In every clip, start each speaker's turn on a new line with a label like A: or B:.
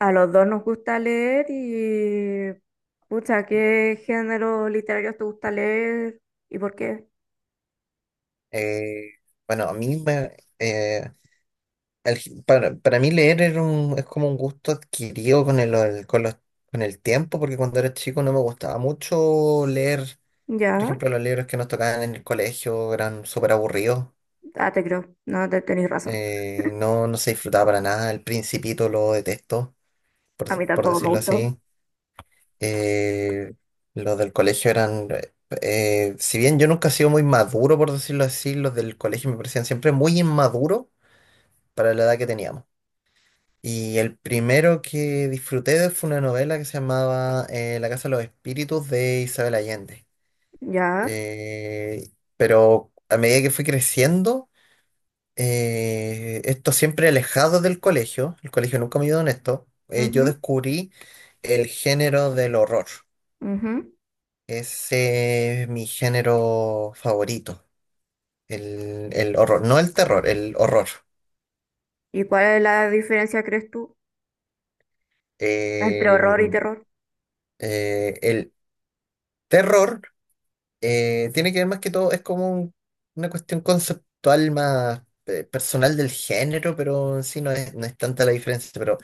A: A los dos nos gusta leer y... Pucha, ¿qué género literario te gusta leer y por qué?
B: Eh, bueno, a mí me, para mí leer es como un gusto adquirido con el tiempo, porque cuando era chico no me gustaba mucho leer. Por
A: Ya,
B: ejemplo, los libros que nos tocaban en el colegio eran súper aburridos.
A: ah, te creo, no, te tenéis razón.
B: No, no se disfrutaba para nada. El Principito lo detesto, por,
A: A mí
B: por
A: tampoco me
B: decirlo
A: gustó.
B: así. eh, los del colegio eran. Si bien yo nunca he sido muy maduro, por decirlo así, los del colegio me parecían siempre muy inmaduros para la edad que teníamos. Y el primero que disfruté de fue una novela que se llamaba, La Casa de los Espíritus de Isabel Allende.
A: Ya,
B: Eh, pero a medida que fui creciendo, esto siempre alejado del colegio, el colegio nunca me ayudó en esto. Yo
A: mhm,
B: descubrí el género del horror.
A: mhm.
B: Ese es mi género favorito, el horror, no el terror, el horror.
A: ¿Y cuál es la diferencia, crees tú, entre
B: Eh,
A: horror y terror?
B: el terror. Tiene que ver más que todo, es como una cuestión conceptual más, personal del género, pero en sí no es tanta la diferencia. Pero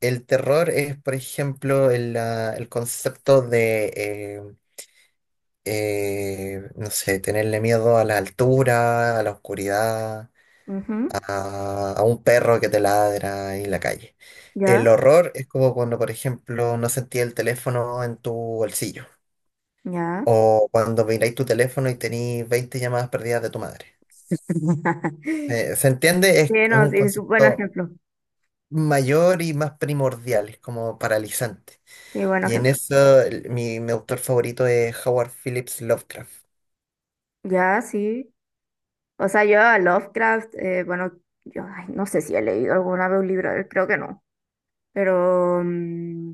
B: el terror es, por ejemplo, el concepto de, no sé, tenerle miedo a la altura, a la oscuridad,
A: Mhm,
B: a un perro que te ladra ahí en la calle. El
A: ya,
B: horror es como cuando, por ejemplo, no sentí el teléfono en tu bolsillo.
A: ya.
B: O cuando miráis tu teléfono y tenéis 20 llamadas perdidas de tu madre. ¿Se entiende? Es,
A: Sí,
B: es
A: no,
B: un
A: sí, es un buen
B: concepto
A: ejemplo.
B: mayor y más primordial, es como paralizante.
A: Sí, buen
B: Y en
A: ejemplo.
B: eso mi autor favorito es Howard Phillips Lovecraft.
A: Ya, sí. O sea, yo a Lovecraft, bueno, yo ay, no sé si he leído alguna vez un libro, de él, creo que no. Pero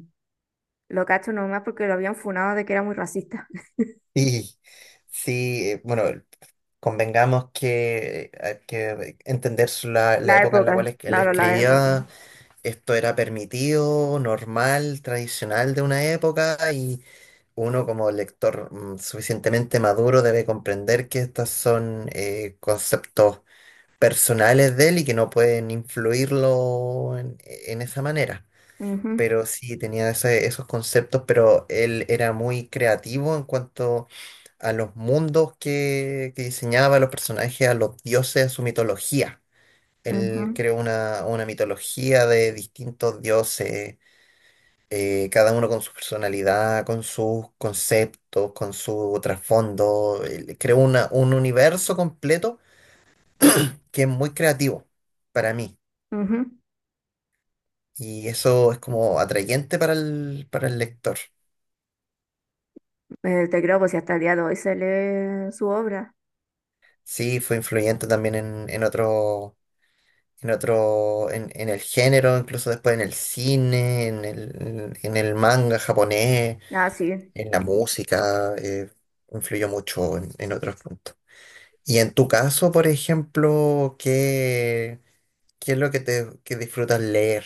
A: lo cacho nomás porque lo habían funado de que era muy racista.
B: Y sí, bueno, convengamos que hay que entender la
A: La
B: época en la cual
A: época,
B: él
A: claro, la época.
B: escribía. Esto era permitido, normal, tradicional de una época. Uno como lector, suficientemente maduro, debe comprender que estos son, conceptos personales de él y que no pueden influirlo en esa manera.
A: Ujú,
B: Pero sí, tenía esos conceptos, pero él era muy creativo en cuanto a los mundos que diseñaba, a los personajes, a los dioses, a su mitología. Él
A: ujú,
B: creó una mitología de distintos dioses, cada uno con su personalidad, con sus conceptos, con su trasfondo. Creo un universo completo, que es muy creativo para mí.
A: ujú.
B: Y eso es como atrayente para el, lector.
A: Te creo, pues si hasta el día de hoy se lee su obra.
B: Sí, fue influyente también en el género, incluso después en el cine, en el manga japonés,
A: Ah, sí.
B: en la música. Influyó mucho en otros puntos. Y en tu caso, por ejemplo, ¿qué es lo que te que disfrutas leer?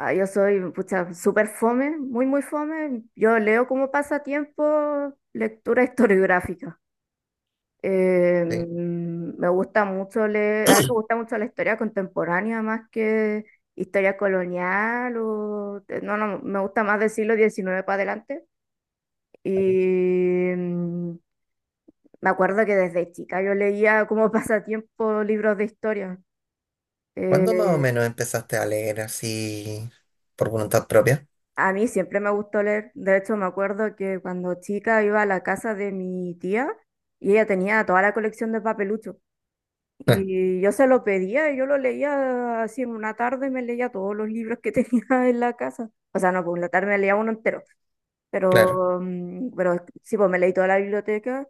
A: Ah, yo soy, pucha, súper fome, muy, muy fome. Yo leo como pasatiempo lectura historiográfica.
B: ¿Sí?
A: Me gusta mucho leer, a mí me gusta mucho la historia contemporánea más que historia colonial o no, no, me gusta más del siglo XIX para adelante. Y me acuerdo que desde chica yo leía como pasatiempo libros de historia.
B: ¿Cuándo más o
A: Eh,
B: menos empezaste a leer así por voluntad propia?
A: a mí siempre me gustó leer. De hecho, me acuerdo que cuando chica iba a la casa de mi tía y ella tenía toda la colección de papeluchos. Y yo se lo pedía, y yo lo leía así en una tarde, me leía todos los libros que tenía en la casa. O sea, no, pues en la tarde me leía uno entero,
B: Claro.
A: pero, pero sí, pues me leí toda la biblioteca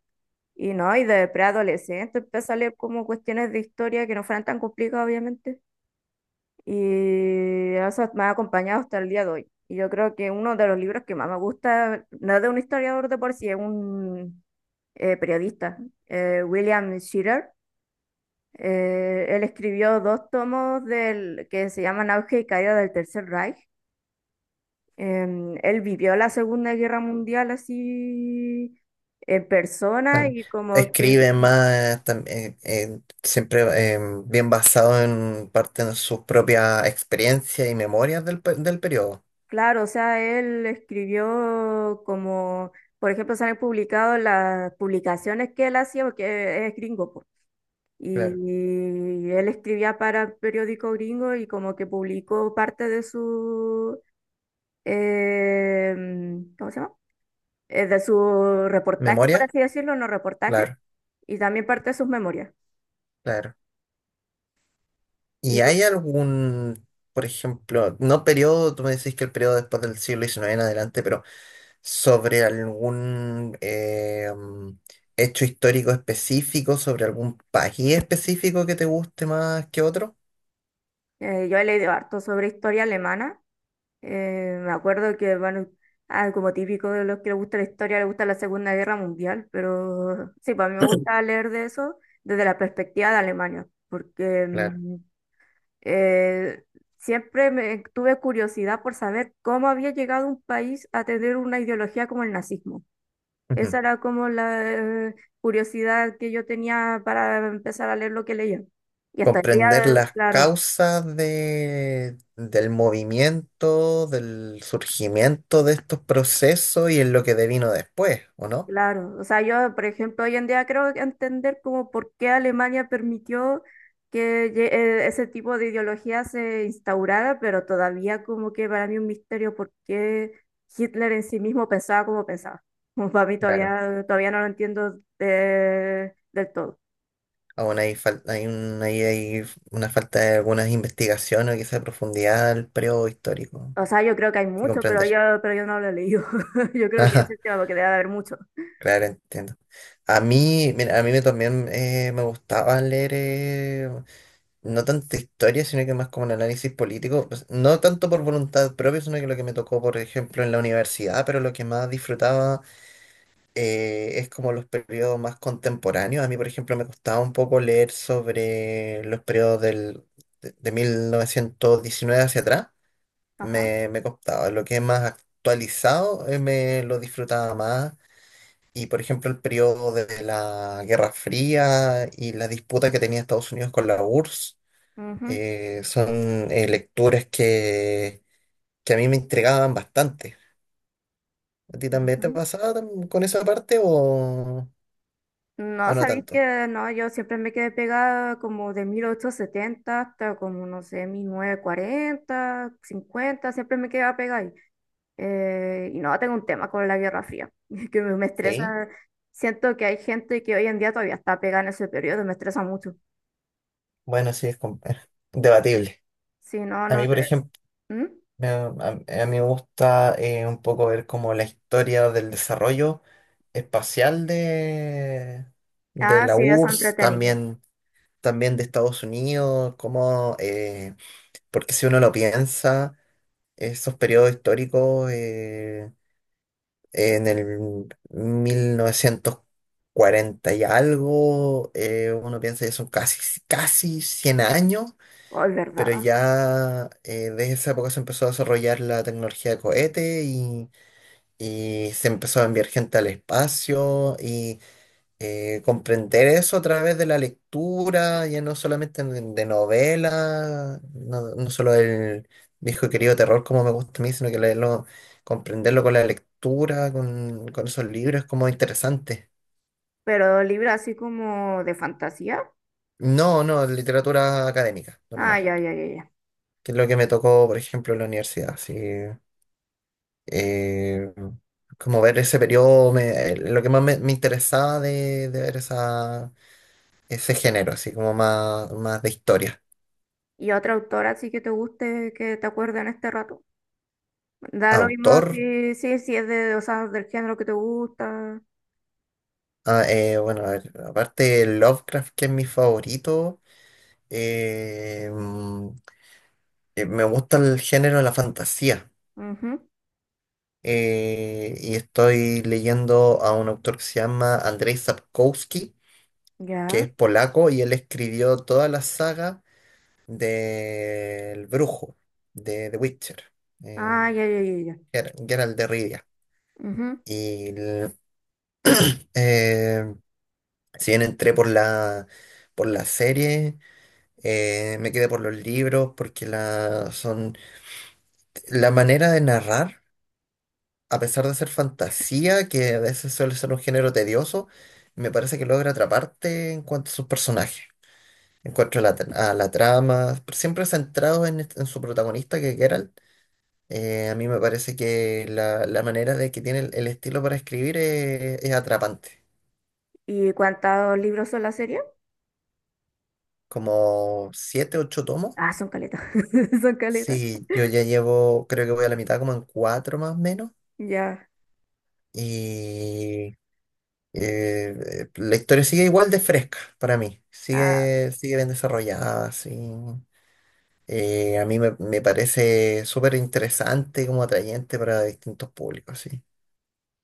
A: y no, y de preadolescente empecé a leer como cuestiones de historia que no fueran tan complicadas, obviamente. Y eso me ha acompañado hasta el día de hoy. Y yo creo que uno de los libros que más me gusta, no es de un historiador de por sí, es un periodista, William Shirer él escribió dos tomos del, que se llaman Auge y Caída del Tercer Reich. Él vivió la Segunda Guerra Mundial así en persona
B: Ah,
A: y como que,
B: escribe más, siempre, eh, bien basado en parte de sus propias experiencias y memorias del periodo.
A: claro, o sea, él escribió como, por ejemplo, se han publicado las publicaciones que él hacía, porque es gringo, po.
B: Claro.
A: Y él escribía para el periódico gringo y como que publicó parte de su, ¿cómo se llama? De su reportaje, por
B: ¿Memoria?
A: así decirlo, no reportaje,
B: Claro,
A: y también parte de sus memorias.
B: claro.
A: Y
B: ¿Y hay algún, por ejemplo, no periodo, tú me decís que el periodo después del siglo XIX en adelante, pero sobre algún, hecho histórico específico, sobre algún país específico que te guste más que otro?
A: yo he leído harto sobre historia alemana. Me acuerdo que, bueno, ah, como típico de los que les gusta la historia, les gusta la Segunda Guerra Mundial, pero sí, para mí me gusta leer de eso desde la perspectiva de Alemania, porque
B: Claro.
A: eh, siempre me, tuve curiosidad por saber cómo había llegado un país a tener una ideología como el nazismo. Esa
B: Ujú.
A: era como la eh, curiosidad que yo tenía para empezar a leer lo que leía. Y hasta el día
B: Comprender las
A: claro,
B: causas, del movimiento, del surgimiento de estos procesos y en lo que devino después, ¿o no?
A: claro. O sea, yo, por ejemplo, hoy en día creo que entender como por qué Alemania permitió que ese tipo de ideología se instaurara, pero todavía como que para mí un misterio por qué Hitler en sí mismo pensaba. Como para mí
B: Claro.
A: todavía no lo entiendo del todo.
B: Aún hay, fal- hay, un- ahí hay una falta de algunas investigaciones o quizá profundidad al periodo histórico
A: O sea, yo creo que hay
B: que
A: mucho,
B: comprender.
A: pero yo no lo he leído. Yo creo que ese
B: Ajá.
A: es el tema, porque debe haber mucho.
B: Claro, entiendo. A mí, mira, a mí me también, me gustaba leer, no tanto historia, sino que más como un análisis político. Pues, no tanto por voluntad propia, sino que lo que me tocó, por ejemplo, en la universidad, pero lo que más disfrutaba, es como los periodos más contemporáneos. A mí, por ejemplo, me costaba un poco leer sobre los periodos de 1919 hacia atrás.
A: Ajá.
B: Me costaba. Lo que es más actualizado, me lo disfrutaba más. Y, por ejemplo, el periodo de la Guerra Fría y la disputa que tenía Estados Unidos con la URSS,
A: Ujú,
B: son, lecturas que a mí me intrigaban bastante. ¿A ti también te
A: ujú.
B: pasaba, con esa parte, o,
A: No,
B: o no
A: sabéis
B: tanto?
A: que no, yo siempre me quedé pegada como de 1870 hasta como, no sé, 1940 1950 siempre me quedaba pegada ahí. Y no, tengo un tema con la Guerra Fría, que me
B: Sí.
A: estresa. Siento que hay gente que hoy en día todavía está pegada en ese periodo, me estresa mucho.
B: Bueno, sí, es debatible.
A: Si no,
B: A
A: no
B: mí, por
A: te...
B: ejemplo,
A: ¿Mm?
B: a mí me gusta, un poco ver como la historia del desarrollo espacial de
A: Ah,
B: la
A: sí, eso
B: URSS,
A: entretenido.
B: también, también de Estados Unidos, como, porque si uno lo piensa, esos periodos históricos, en el mil novecientos cuarenta y algo, uno piensa que son casi, casi 100 años.
A: Oh, es
B: Pero
A: verdad.
B: ya, desde esa época se empezó a desarrollar la tecnología de cohete, y se empezó a enviar gente al espacio, y comprender eso a través de la lectura, ya no solamente de novelas, no, no solo el viejo y querido terror como me gusta a mí, sino que leerlo, comprenderlo con la lectura, con esos libros, es como interesante.
A: Pero libro así como de fantasía.
B: No, no, literatura académica,
A: Ah,
B: normal,
A: ya, ya, ya, ya.
B: que es lo que me tocó, por ejemplo, en la universidad, sí. eh, Como ver ese periodo, lo que más me interesaba de ver ese género, así como más, más de historia.
A: ¿Y otra autora así que te guste, que te acuerde en este rato? Da lo mismo
B: Autor.
A: si es de, o sea, del género que te gusta.
B: Ah, bueno, a ver, aparte de Lovecraft, que es mi favorito, eh, mm, me gusta el género de la fantasía.
A: Ujú,
B: Y estoy leyendo a un autor que se llama Andrzej Sapkowski, que
A: ya.
B: es polaco y él escribió toda la saga del brujo de The Witcher, eh,
A: Ah, ya, ya, ya, ya.
B: Geralt de Rivia.
A: Ujú.
B: Y l- eh, si bien entré por la serie, me quedé por los libros, porque son la manera de narrar, a pesar de ser fantasía, que a veces suele ser un género tedioso, me parece que logra atraparte en cuanto a sus personajes. En cuanto a la trama, siempre centrado en su protagonista, que es Geralt. A mí me parece que la manera de que tiene el estilo para escribir es atrapante.
A: ¿Y cuántos libros son la serie?
B: Como siete, ocho tomos.
A: Ah, son caletas. Son caletas.
B: Sí, yo ya llevo, creo que voy a la mitad, como en cuatro más o menos.
A: Ya.
B: Y, la historia sigue igual de fresca para mí.
A: Ah.
B: Sigue bien desarrollada, sí. A mí me parece súper interesante, como atrayente para distintos públicos, sí.